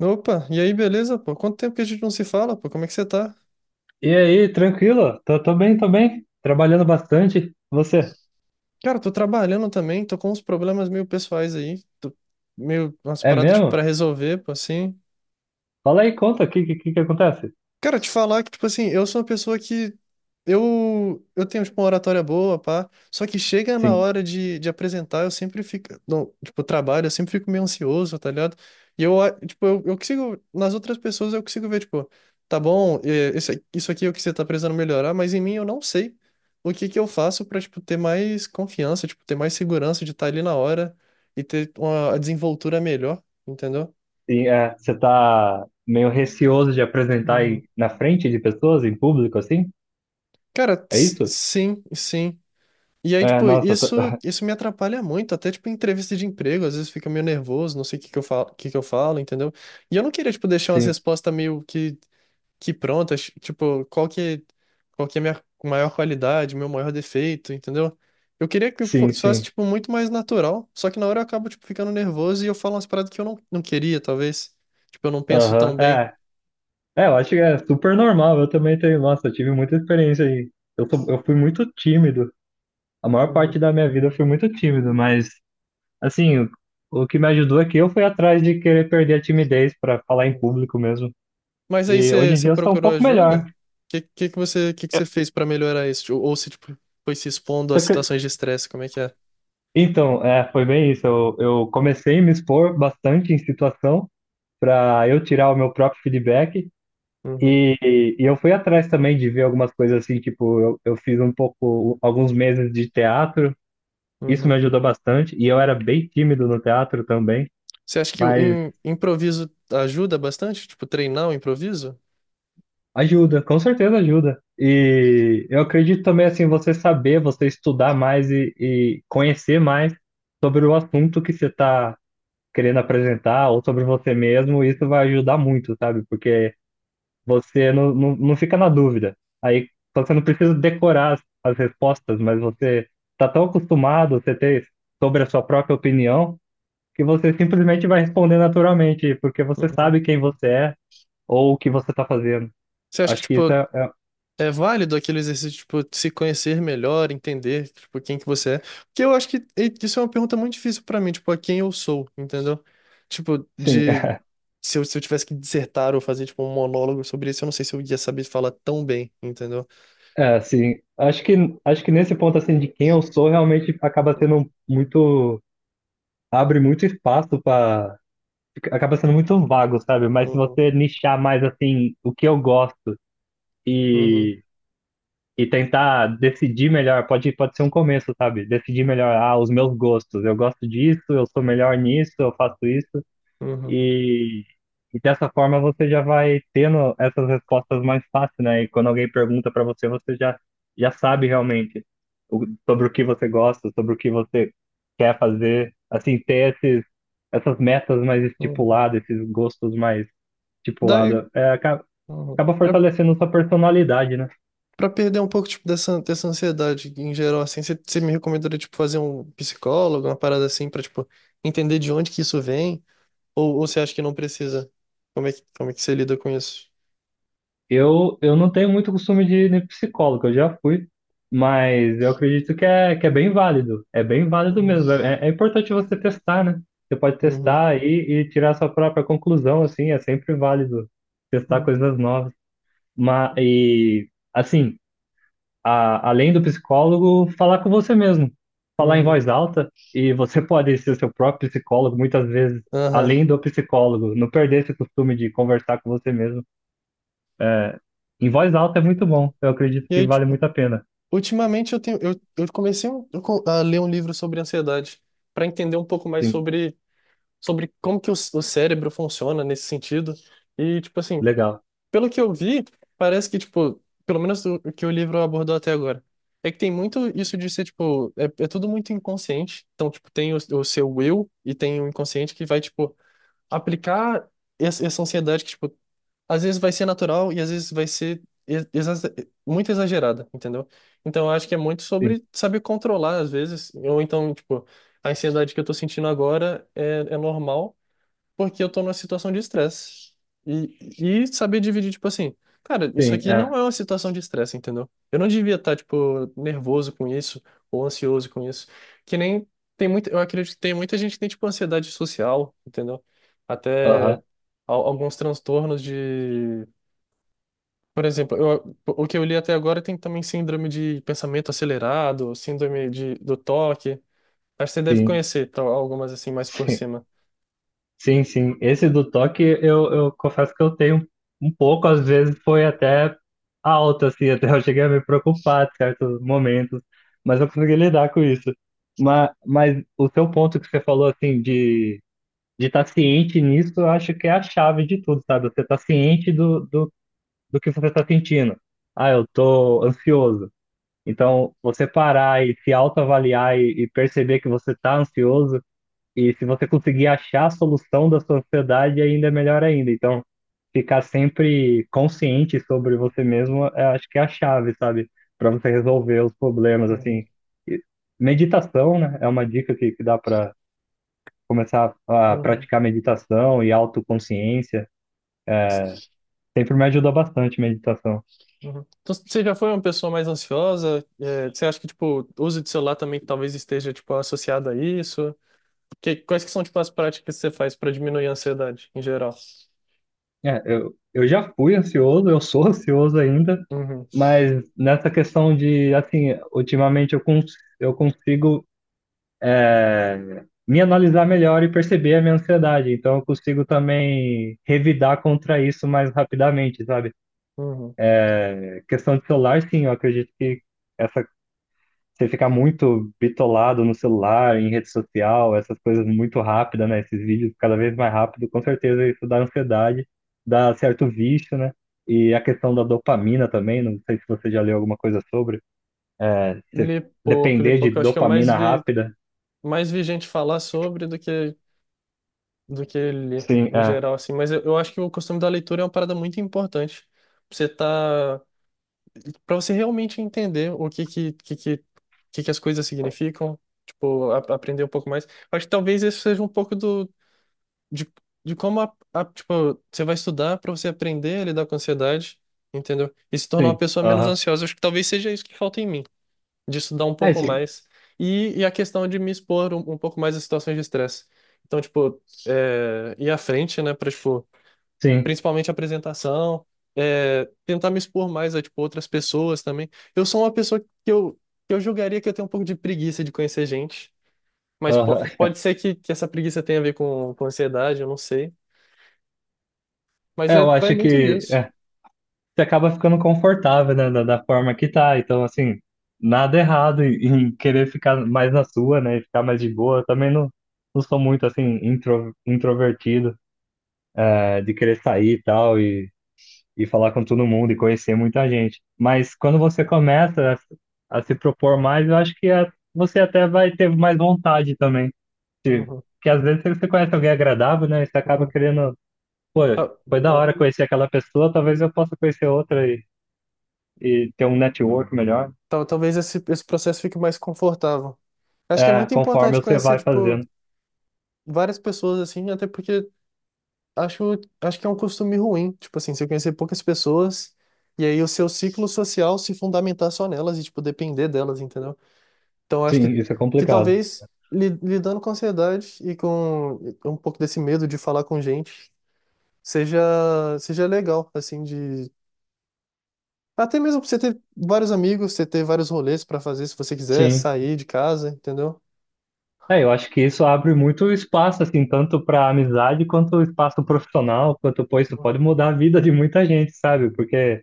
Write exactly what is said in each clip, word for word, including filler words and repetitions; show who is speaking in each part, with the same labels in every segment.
Speaker 1: Opa, e aí, beleza, pô? Quanto tempo que a gente não se fala, pô? Como é que você tá?
Speaker 2: E aí, tranquilo? Tô, tô bem, tô bem. Trabalhando bastante. Você?
Speaker 1: Cara, tô trabalhando também, tô com uns problemas meio pessoais aí, tô meio umas
Speaker 2: É
Speaker 1: paradas, tipo,
Speaker 2: mesmo?
Speaker 1: pra resolver, pô, assim.
Speaker 2: Fala aí, conta, o que, que, que acontece?
Speaker 1: Cara, te falar que, tipo assim, eu sou uma pessoa que. Eu, eu tenho, tipo, uma oratória boa, pá. Só que chega na
Speaker 2: Sim.
Speaker 1: hora de, de apresentar, eu sempre fico. Não, tipo, trabalho, eu sempre fico meio ansioso, tá ligado? E eu, a- tipo, eu, eu consigo. Nas outras pessoas eu consigo ver, tipo, tá bom, é, esse- isso aqui é o que você tá precisando melhorar, mas em mim eu não sei o que que eu faço pra, tipo, ter mais confiança, tipo, ter mais segurança de estar ali na hora e ter uma a desenvoltura melhor, entendeu?
Speaker 2: E, é, você tá meio receoso de apresentar
Speaker 1: Uhum.
Speaker 2: aí na frente de pessoas, em público, assim?
Speaker 1: Cara,
Speaker 2: É
Speaker 1: s-
Speaker 2: isso?
Speaker 1: sim, sim. E aí,
Speaker 2: É,
Speaker 1: tipo,
Speaker 2: nossa, tô-
Speaker 1: isso, isso me atrapalha muito, até, tipo, em entrevista de emprego, às vezes fica meio nervoso, não sei o que que eu falo, que que eu falo, entendeu? E eu não queria, tipo, deixar umas
Speaker 2: sim,
Speaker 1: respostas meio que, que prontas, tipo, qual que, qual que é a minha maior qualidade, meu maior defeito, entendeu? Eu queria que
Speaker 2: sim,
Speaker 1: fosse, fosse,
Speaker 2: sim.
Speaker 1: tipo, muito mais natural, só que na hora eu acabo, tipo, ficando nervoso e eu falo umas paradas que eu não, não queria, talvez. Tipo, eu não penso
Speaker 2: Aham.
Speaker 1: tão bem.
Speaker 2: É, é, eu acho que é super normal. Eu também tenho, nossa, eu tive muita experiência aí. Eu, sou- eu fui muito tímido. A maior
Speaker 1: Uhum.
Speaker 2: parte da minha vida eu fui muito tímido, mas assim, o o que me ajudou é que eu fui atrás de querer perder a timidez para falar em
Speaker 1: Uhum.
Speaker 2: público mesmo.
Speaker 1: Mas aí
Speaker 2: E hoje
Speaker 1: você
Speaker 2: em
Speaker 1: você
Speaker 2: dia eu sou um
Speaker 1: procurou
Speaker 2: pouco
Speaker 1: ajuda?
Speaker 2: melhor.
Speaker 1: O que que que você que que você fez pra melhorar isso? Ou, ou se tipo, foi se expondo a
Speaker 2: Só que-
Speaker 1: situações de estresse, como é que é?
Speaker 2: Então, é, foi bem isso. Eu, eu comecei a me expor bastante em situação para eu tirar o meu próprio feedback.
Speaker 1: Uhum,
Speaker 2: E, e eu fui atrás também de ver algumas coisas assim, tipo, eu, eu fiz um pouco, alguns meses de teatro. Isso
Speaker 1: uhum.
Speaker 2: me ajudou bastante. E eu era bem tímido no teatro também.
Speaker 1: Você acha que o
Speaker 2: Mas
Speaker 1: im- improviso ajuda bastante? Tipo, treinar o improviso?
Speaker 2: ajuda, com certeza ajuda. E eu acredito também, assim, você saber, você estudar mais e, e conhecer mais sobre o assunto que você está querendo apresentar ou sobre você mesmo, isso vai ajudar muito, sabe? Porque você não, não, não fica na dúvida. Aí então, você não precisa decorar as, as respostas, mas você está tão acostumado, você ter sobre a sua própria opinião, que você simplesmente vai responder naturalmente, porque você
Speaker 1: Uhum.
Speaker 2: sabe quem você é ou o que você está fazendo.
Speaker 1: Você acha que
Speaker 2: Acho que isso
Speaker 1: tipo
Speaker 2: é, é-
Speaker 1: é válido aquele exercício, tipo, de tipo, se conhecer melhor, entender, tipo, quem que você é. Porque eu acho que e- isso é uma pergunta muito difícil pra mim, tipo, a quem eu sou, entendeu? Tipo,
Speaker 2: sim.
Speaker 1: de... Se eu, se eu tivesse que dissertar ou fazer, tipo, um monólogo sobre isso, eu não sei se eu ia saber falar tão bem, entendeu?
Speaker 2: É, assim, acho que, acho que nesse ponto, assim, de quem eu sou, realmente acaba sendo muito, abre muito espaço para, acaba sendo muito vago, sabe? Mas se
Speaker 1: Uhum,
Speaker 2: você nichar mais, assim, o que eu gosto
Speaker 1: uhum,
Speaker 2: e, e tentar decidir melhor, pode, pode ser um começo, sabe? Decidir melhor, ah, os meus gostos, eu gosto disso, eu sou melhor nisso, eu faço isso.
Speaker 1: uhum,
Speaker 2: E, e dessa forma você já vai tendo essas respostas mais fácil, né? E quando alguém pergunta para você, você já, já sabe realmente o- sobre o que você gosta, sobre o que você quer fazer. Assim, ter esses, essas metas mais
Speaker 1: uhum.
Speaker 2: estipuladas, esses gostos mais
Speaker 1: Daí,
Speaker 2: estipulados, é, acaba,
Speaker 1: uhum.
Speaker 2: acaba
Speaker 1: Pra,
Speaker 2: fortalecendo sua personalidade, né?
Speaker 1: pra perder um pouco, tipo, dessa, dessa ansiedade em geral, assim, você me recomendaria, tipo, fazer um psicólogo, uma parada assim, pra, tipo, entender de onde que isso vem? Ou, ou você acha que não precisa? Como é que, como é que você lida com isso?
Speaker 2: Eu, eu não tenho muito costume de ir em psicólogo, eu já fui, mas eu acredito que é, que é bem válido. É bem válido
Speaker 1: Uhum,
Speaker 2: mesmo. É, é importante você testar, né? Você pode
Speaker 1: uhum,
Speaker 2: testar e, e tirar sua própria conclusão, assim, é sempre válido testar
Speaker 1: uhum,
Speaker 2: coisas novas. Mas, e, assim, a- além do psicólogo, falar com você mesmo, falar em
Speaker 1: uhum.
Speaker 2: voz alta, e você pode ser seu próprio psicólogo, muitas vezes,
Speaker 1: Aham.
Speaker 2: além do psicólogo, não perder esse costume de conversar com você mesmo. É, Em voz alta é muito bom. Eu acredito
Speaker 1: E
Speaker 2: que
Speaker 1: aí,
Speaker 2: vale
Speaker 1: tipo,
Speaker 2: muito a pena.
Speaker 1: ultimamente eu tenho, eu, eu comecei um- eu co- a ler um livro sobre ansiedade para entender um pouco mais
Speaker 2: Sim,
Speaker 1: sobre, sobre como que o, c- o cérebro funciona nesse sentido. E, tipo assim,
Speaker 2: legal.
Speaker 1: pelo que eu vi, parece que, tipo, pelo menos o o que o livro abordou até agora, é que tem muito isso de ser, tipo, é, é tudo muito inconsciente. Então, tipo, tem o, o seu eu e tem o inconsciente que vai, tipo, aplicar essa, essa ansiedade que, tipo, às vezes vai ser natural e às vezes vai ser ex- exa- muito exagerada, entendeu? Então, eu acho que é muito
Speaker 2: Sim,
Speaker 1: sobre saber controlar, às vezes, ou então, tipo, a ansiedade que eu tô sentindo agora é, é normal porque eu tô numa situação de estresse. E, e saber dividir, tipo assim, cara, isso
Speaker 2: sim,
Speaker 1: aqui não
Speaker 2: é.
Speaker 1: é uma situação de estresse, entendeu? Eu não devia estar, tipo, nervoso com isso ou ansioso com isso. Que nem tem muito, eu acredito que tem muita gente que tem, tipo, ansiedade social, entendeu? Até
Speaker 2: Aham,
Speaker 1: al- alguns transtornos de. Por exemplo, eu- o que eu li até agora tem também síndrome de pensamento acelerado, síndrome de, do toque. Acho que você deve
Speaker 2: sim,
Speaker 1: conhecer, tal, algumas assim mais por
Speaker 2: sim.
Speaker 1: cima.
Speaker 2: Sim, sim. Esse do toque, eu, eu confesso que eu tenho um pouco, às vezes foi até alto, assim, até eu cheguei a me preocupar em certos momentos, mas eu consegui lidar com isso. Mas, mas o seu ponto que você falou, assim, de de estar ciente nisso, eu acho que é a chave de tudo, sabe? Você tá ciente do, do, do que você tá sentindo. Ah, eu tô ansioso. Então, você parar e se autoavaliar e, e perceber que você está ansioso, e se você conseguir achar a solução da sua ansiedade, ainda é melhor ainda. Então, ficar sempre consciente sobre você mesmo, é, acho que é a chave, sabe? Para você resolver os problemas,
Speaker 1: Uhum.
Speaker 2: assim. E meditação, né? É uma dica que, que dá para começar a
Speaker 1: Uhum.
Speaker 2: praticar meditação e autoconsciência. Sempre me ajudou bastante meditação.
Speaker 1: Uhum. Então, você já foi uma pessoa mais ansiosa? É, você acha que, tipo, o uso de celular também talvez esteja, tipo, associado a isso? Que, quais que são, tipo, as práticas que você faz para diminuir a ansiedade, em geral?
Speaker 2: É, eu, eu já fui ansioso, eu sou ansioso ainda,
Speaker 1: Uhum,
Speaker 2: mas nessa questão de, assim, ultimamente eu, cons eu consigo é, me analisar melhor e perceber a minha ansiedade. Então eu consigo também revidar contra isso mais rapidamente, sabe?
Speaker 1: uhum.
Speaker 2: É, Questão de celular, sim, eu acredito que essa você ficar muito bitolado no celular, em rede social, essas coisas muito rápidas, né? Esses vídeos cada vez mais rápido, com certeza isso dá ansiedade, dá certo vício, né? E a questão da dopamina também, não sei se você já leu alguma coisa sobre, é, você
Speaker 1: Li pouco, li
Speaker 2: depender de
Speaker 1: pouco. Eu acho que eu mais
Speaker 2: dopamina
Speaker 1: vi,
Speaker 2: rápida.
Speaker 1: mais vi gente falar sobre do que, do que li,
Speaker 2: Sim,
Speaker 1: em
Speaker 2: é,
Speaker 1: geral, assim. Mas eu, eu acho que o costume da leitura é uma parada muito importante. Você tá para você realmente entender o que que, que, que, que que as coisas significam, tipo, a- aprender um pouco mais. Acho que talvez isso seja um pouco do, de, de como, a, a- tipo, você vai estudar para você aprender a lidar com a ansiedade, entendeu? E se tornar uma
Speaker 2: sim,
Speaker 1: pessoa menos
Speaker 2: aham.
Speaker 1: ansiosa. Acho que talvez seja isso que falta em mim, de estudar um
Speaker 2: É
Speaker 1: pouco
Speaker 2: isso,
Speaker 1: mais. E, e a questão de me expor um, um pouco mais a situações de estresse. Então, tipo, é, ir à frente, né, para,
Speaker 2: sim,
Speaker 1: principalmente apresentação, é, tentar me expor mais a, tipo, outras pessoas também. Eu sou uma pessoa que eu, que eu julgaria que eu tenho um pouco de preguiça de conhecer gente, mas po-
Speaker 2: aham.
Speaker 1: pode ser que, que essa preguiça tenha a ver com, com ansiedade, eu não sei. Mas
Speaker 2: É,
Speaker 1: é,
Speaker 2: eu
Speaker 1: vai
Speaker 2: acho
Speaker 1: muito
Speaker 2: que
Speaker 1: disso.
Speaker 2: é, você acaba ficando confortável, né, da, da forma que tá. Então, assim, nada errado em, em querer ficar mais na sua, né, e ficar mais de boa. Eu também não, não sou muito, assim, intro, introvertido, eh, de querer sair e tal, e, e falar com todo mundo e conhecer muita gente. Mas quando você começa a, a se propor mais, eu acho que eh, você até vai ter mais vontade também. Se-
Speaker 1: Uhum,
Speaker 2: Porque às vezes você conhece alguém agradável, né, e você acaba
Speaker 1: uhum.
Speaker 2: querendo, pô,
Speaker 1: Tal-
Speaker 2: foi da hora conhecer aquela pessoa, talvez eu possa conhecer outra e ter um network melhor,
Speaker 1: tal- talvez esse, esse processo fique mais confortável. Acho que é
Speaker 2: é,
Speaker 1: muito importante
Speaker 2: conforme você
Speaker 1: conhecer,
Speaker 2: vai
Speaker 1: tipo,
Speaker 2: fazendo.
Speaker 1: várias pessoas, assim, até porque acho, acho que é um costume ruim. Tipo assim, você conhecer poucas pessoas e aí o seu ciclo social se fundamentar só nelas e, tipo, depender delas, entendeu? Então, acho que,
Speaker 2: Sim, isso é
Speaker 1: que
Speaker 2: complicado.
Speaker 1: talvez li- lidando com a ansiedade e com um pouco desse medo de falar com gente seja, seja legal, assim, de. Até mesmo pra você ter vários amigos, você ter vários rolês pra fazer se você quiser,
Speaker 2: Sim.
Speaker 1: sair de casa, entendeu?
Speaker 2: É, eu acho que isso abre muito espaço, assim, tanto para amizade quanto espaço profissional, quanto, pô, isso pode
Speaker 1: Uhum.
Speaker 2: mudar a vida de muita gente, sabe? Porque,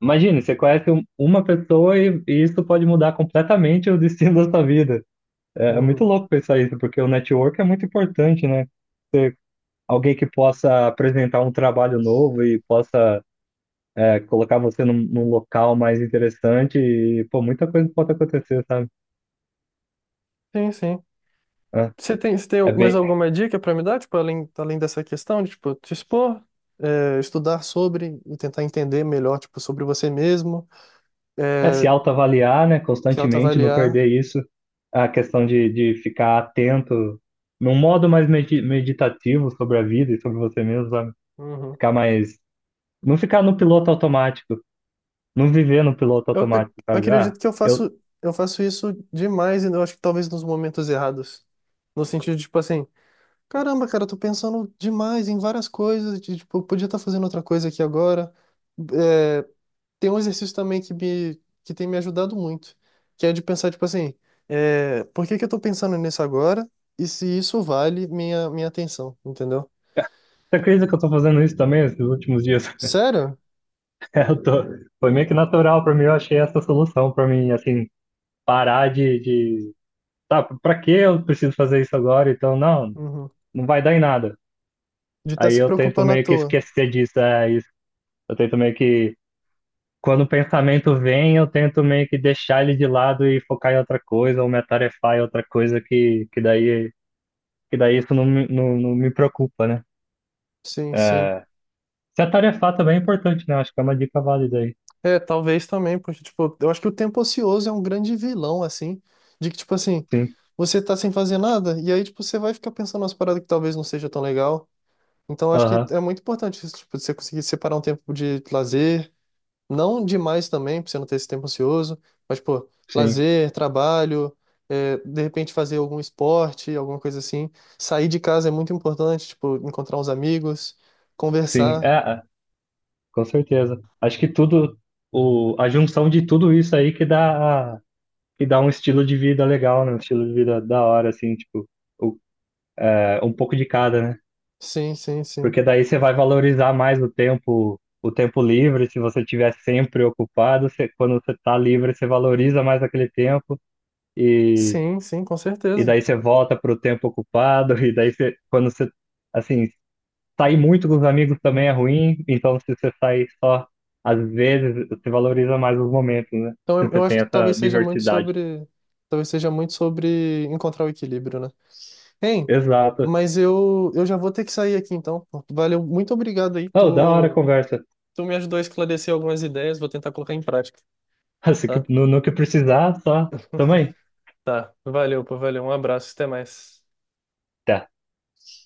Speaker 2: imagine, você conhece um- uma pessoa e, e isso pode mudar completamente o destino da sua vida. É, é muito
Speaker 1: Uhum.
Speaker 2: louco pensar isso, porque o network é muito importante, né? Ter alguém que possa apresentar um trabalho novo e possa é, colocar você num, num local mais interessante e, pô, muita coisa pode acontecer, sabe?
Speaker 1: Sim, sim.
Speaker 2: É,
Speaker 1: Você tem, você
Speaker 2: é
Speaker 1: tem mais
Speaker 2: bem,
Speaker 1: alguma dica para me dar, tipo, além, além dessa questão de, tipo, te expor, é, estudar sobre e tentar entender melhor, tipo, sobre você mesmo,
Speaker 2: é
Speaker 1: é,
Speaker 2: se autoavaliar, né,
Speaker 1: se
Speaker 2: constantemente, não
Speaker 1: autoavaliar.
Speaker 2: perder isso, a questão de, de ficar atento num modo mais medi- meditativo sobre a vida e sobre você mesmo, sabe?
Speaker 1: Uhum.
Speaker 2: Ficar mais, não ficar no piloto automático, não viver no piloto
Speaker 1: Eu, eu
Speaker 2: automático, sabe? Ah,
Speaker 1: acredito que eu
Speaker 2: eu,
Speaker 1: faço, eu faço isso demais e eu acho que talvez nos momentos errados. No sentido de, tipo, assim, caramba, cara, eu tô pensando demais em várias coisas, de, tipo, eu podia estar fazendo outra coisa aqui agora. É, tem um exercício também que, me, que tem me ajudado muito, que é de pensar, tipo assim, é, por que que eu tô pensando nisso agora e se isso vale minha, minha atenção, entendeu?
Speaker 2: você acredita que eu tô fazendo isso também esses últimos dias?
Speaker 1: Sério?
Speaker 2: É, Eu tô, foi meio que natural pra mim, eu achei essa solução pra mim, assim, parar de, de tá, pra que eu preciso fazer isso agora? Então, não,
Speaker 1: Uhum.
Speaker 2: não vai dar em nada.
Speaker 1: De estar
Speaker 2: Aí
Speaker 1: se
Speaker 2: eu tento
Speaker 1: preocupando à
Speaker 2: meio que
Speaker 1: toa.
Speaker 2: esquecer disso, é isso. Eu tento meio que, quando o pensamento vem, eu tento meio que deixar ele de lado e focar em outra coisa, ou me atarefar em outra coisa que, que daí, que daí isso não, me- não, não me preocupa, né?
Speaker 1: Sim, sim.
Speaker 2: É, se atarefar também é importante, né? Acho que é uma dica válida aí.
Speaker 1: É, talvez também, porque, tipo, eu acho que o tempo ocioso é um grande vilão, assim, de que, tipo assim,
Speaker 2: Sim,
Speaker 1: você tá sem fazer nada e aí, tipo, você vai ficar pensando nas paradas que talvez não seja tão legal. Então, eu acho que
Speaker 2: aham,
Speaker 1: é muito importante isso, tipo, você conseguir separar um tempo de lazer, não demais também, pra você não ter esse tempo ansioso, mas, pô,
Speaker 2: sim,
Speaker 1: lazer, trabalho, é, de repente fazer algum esporte, alguma coisa assim. Sair de casa é muito importante, tipo, encontrar uns amigos,
Speaker 2: sim, é,
Speaker 1: conversar.
Speaker 2: é, com certeza. Acho que tudo, o, a junção de tudo isso aí que dá a e dá um estilo de vida legal, né? Um estilo de vida da hora, assim, tipo, o- é, um pouco de cada, né?
Speaker 1: Sim, sim, sim.
Speaker 2: Porque daí você vai valorizar mais o tempo, o tempo livre, se você tiver sempre ocupado, você, quando você tá livre, você valoriza mais aquele tempo e,
Speaker 1: Sim, sim, com
Speaker 2: e
Speaker 1: certeza.
Speaker 2: daí você volta pro tempo ocupado, e daí você, quando você, assim, sair muito com os amigos também é
Speaker 1: Uhum,
Speaker 2: ruim, então se você sair só às vezes, você valoriza mais os
Speaker 1: uhum.
Speaker 2: momentos, né?
Speaker 1: Então,
Speaker 2: Se
Speaker 1: eu,
Speaker 2: você
Speaker 1: eu acho
Speaker 2: tem
Speaker 1: que
Speaker 2: essa
Speaker 1: talvez seja muito
Speaker 2: diversidade.
Speaker 1: sobre, talvez seja muito sobre encontrar o equilíbrio, né? Hein,
Speaker 2: Exato.
Speaker 1: mas eu, eu já vou ter que sair aqui, então. Valeu, muito obrigado aí,
Speaker 2: Oh, da hora a
Speaker 1: tu,
Speaker 2: conversa.
Speaker 1: tu me ajudou a esclarecer algumas ideias, vou tentar colocar em prática.
Speaker 2: Se que-
Speaker 1: Tá?
Speaker 2: no, no que precisar, só. Também.
Speaker 1: Tá. Valeu, pô, valeu. Um abraço, até mais.
Speaker 2: Tá.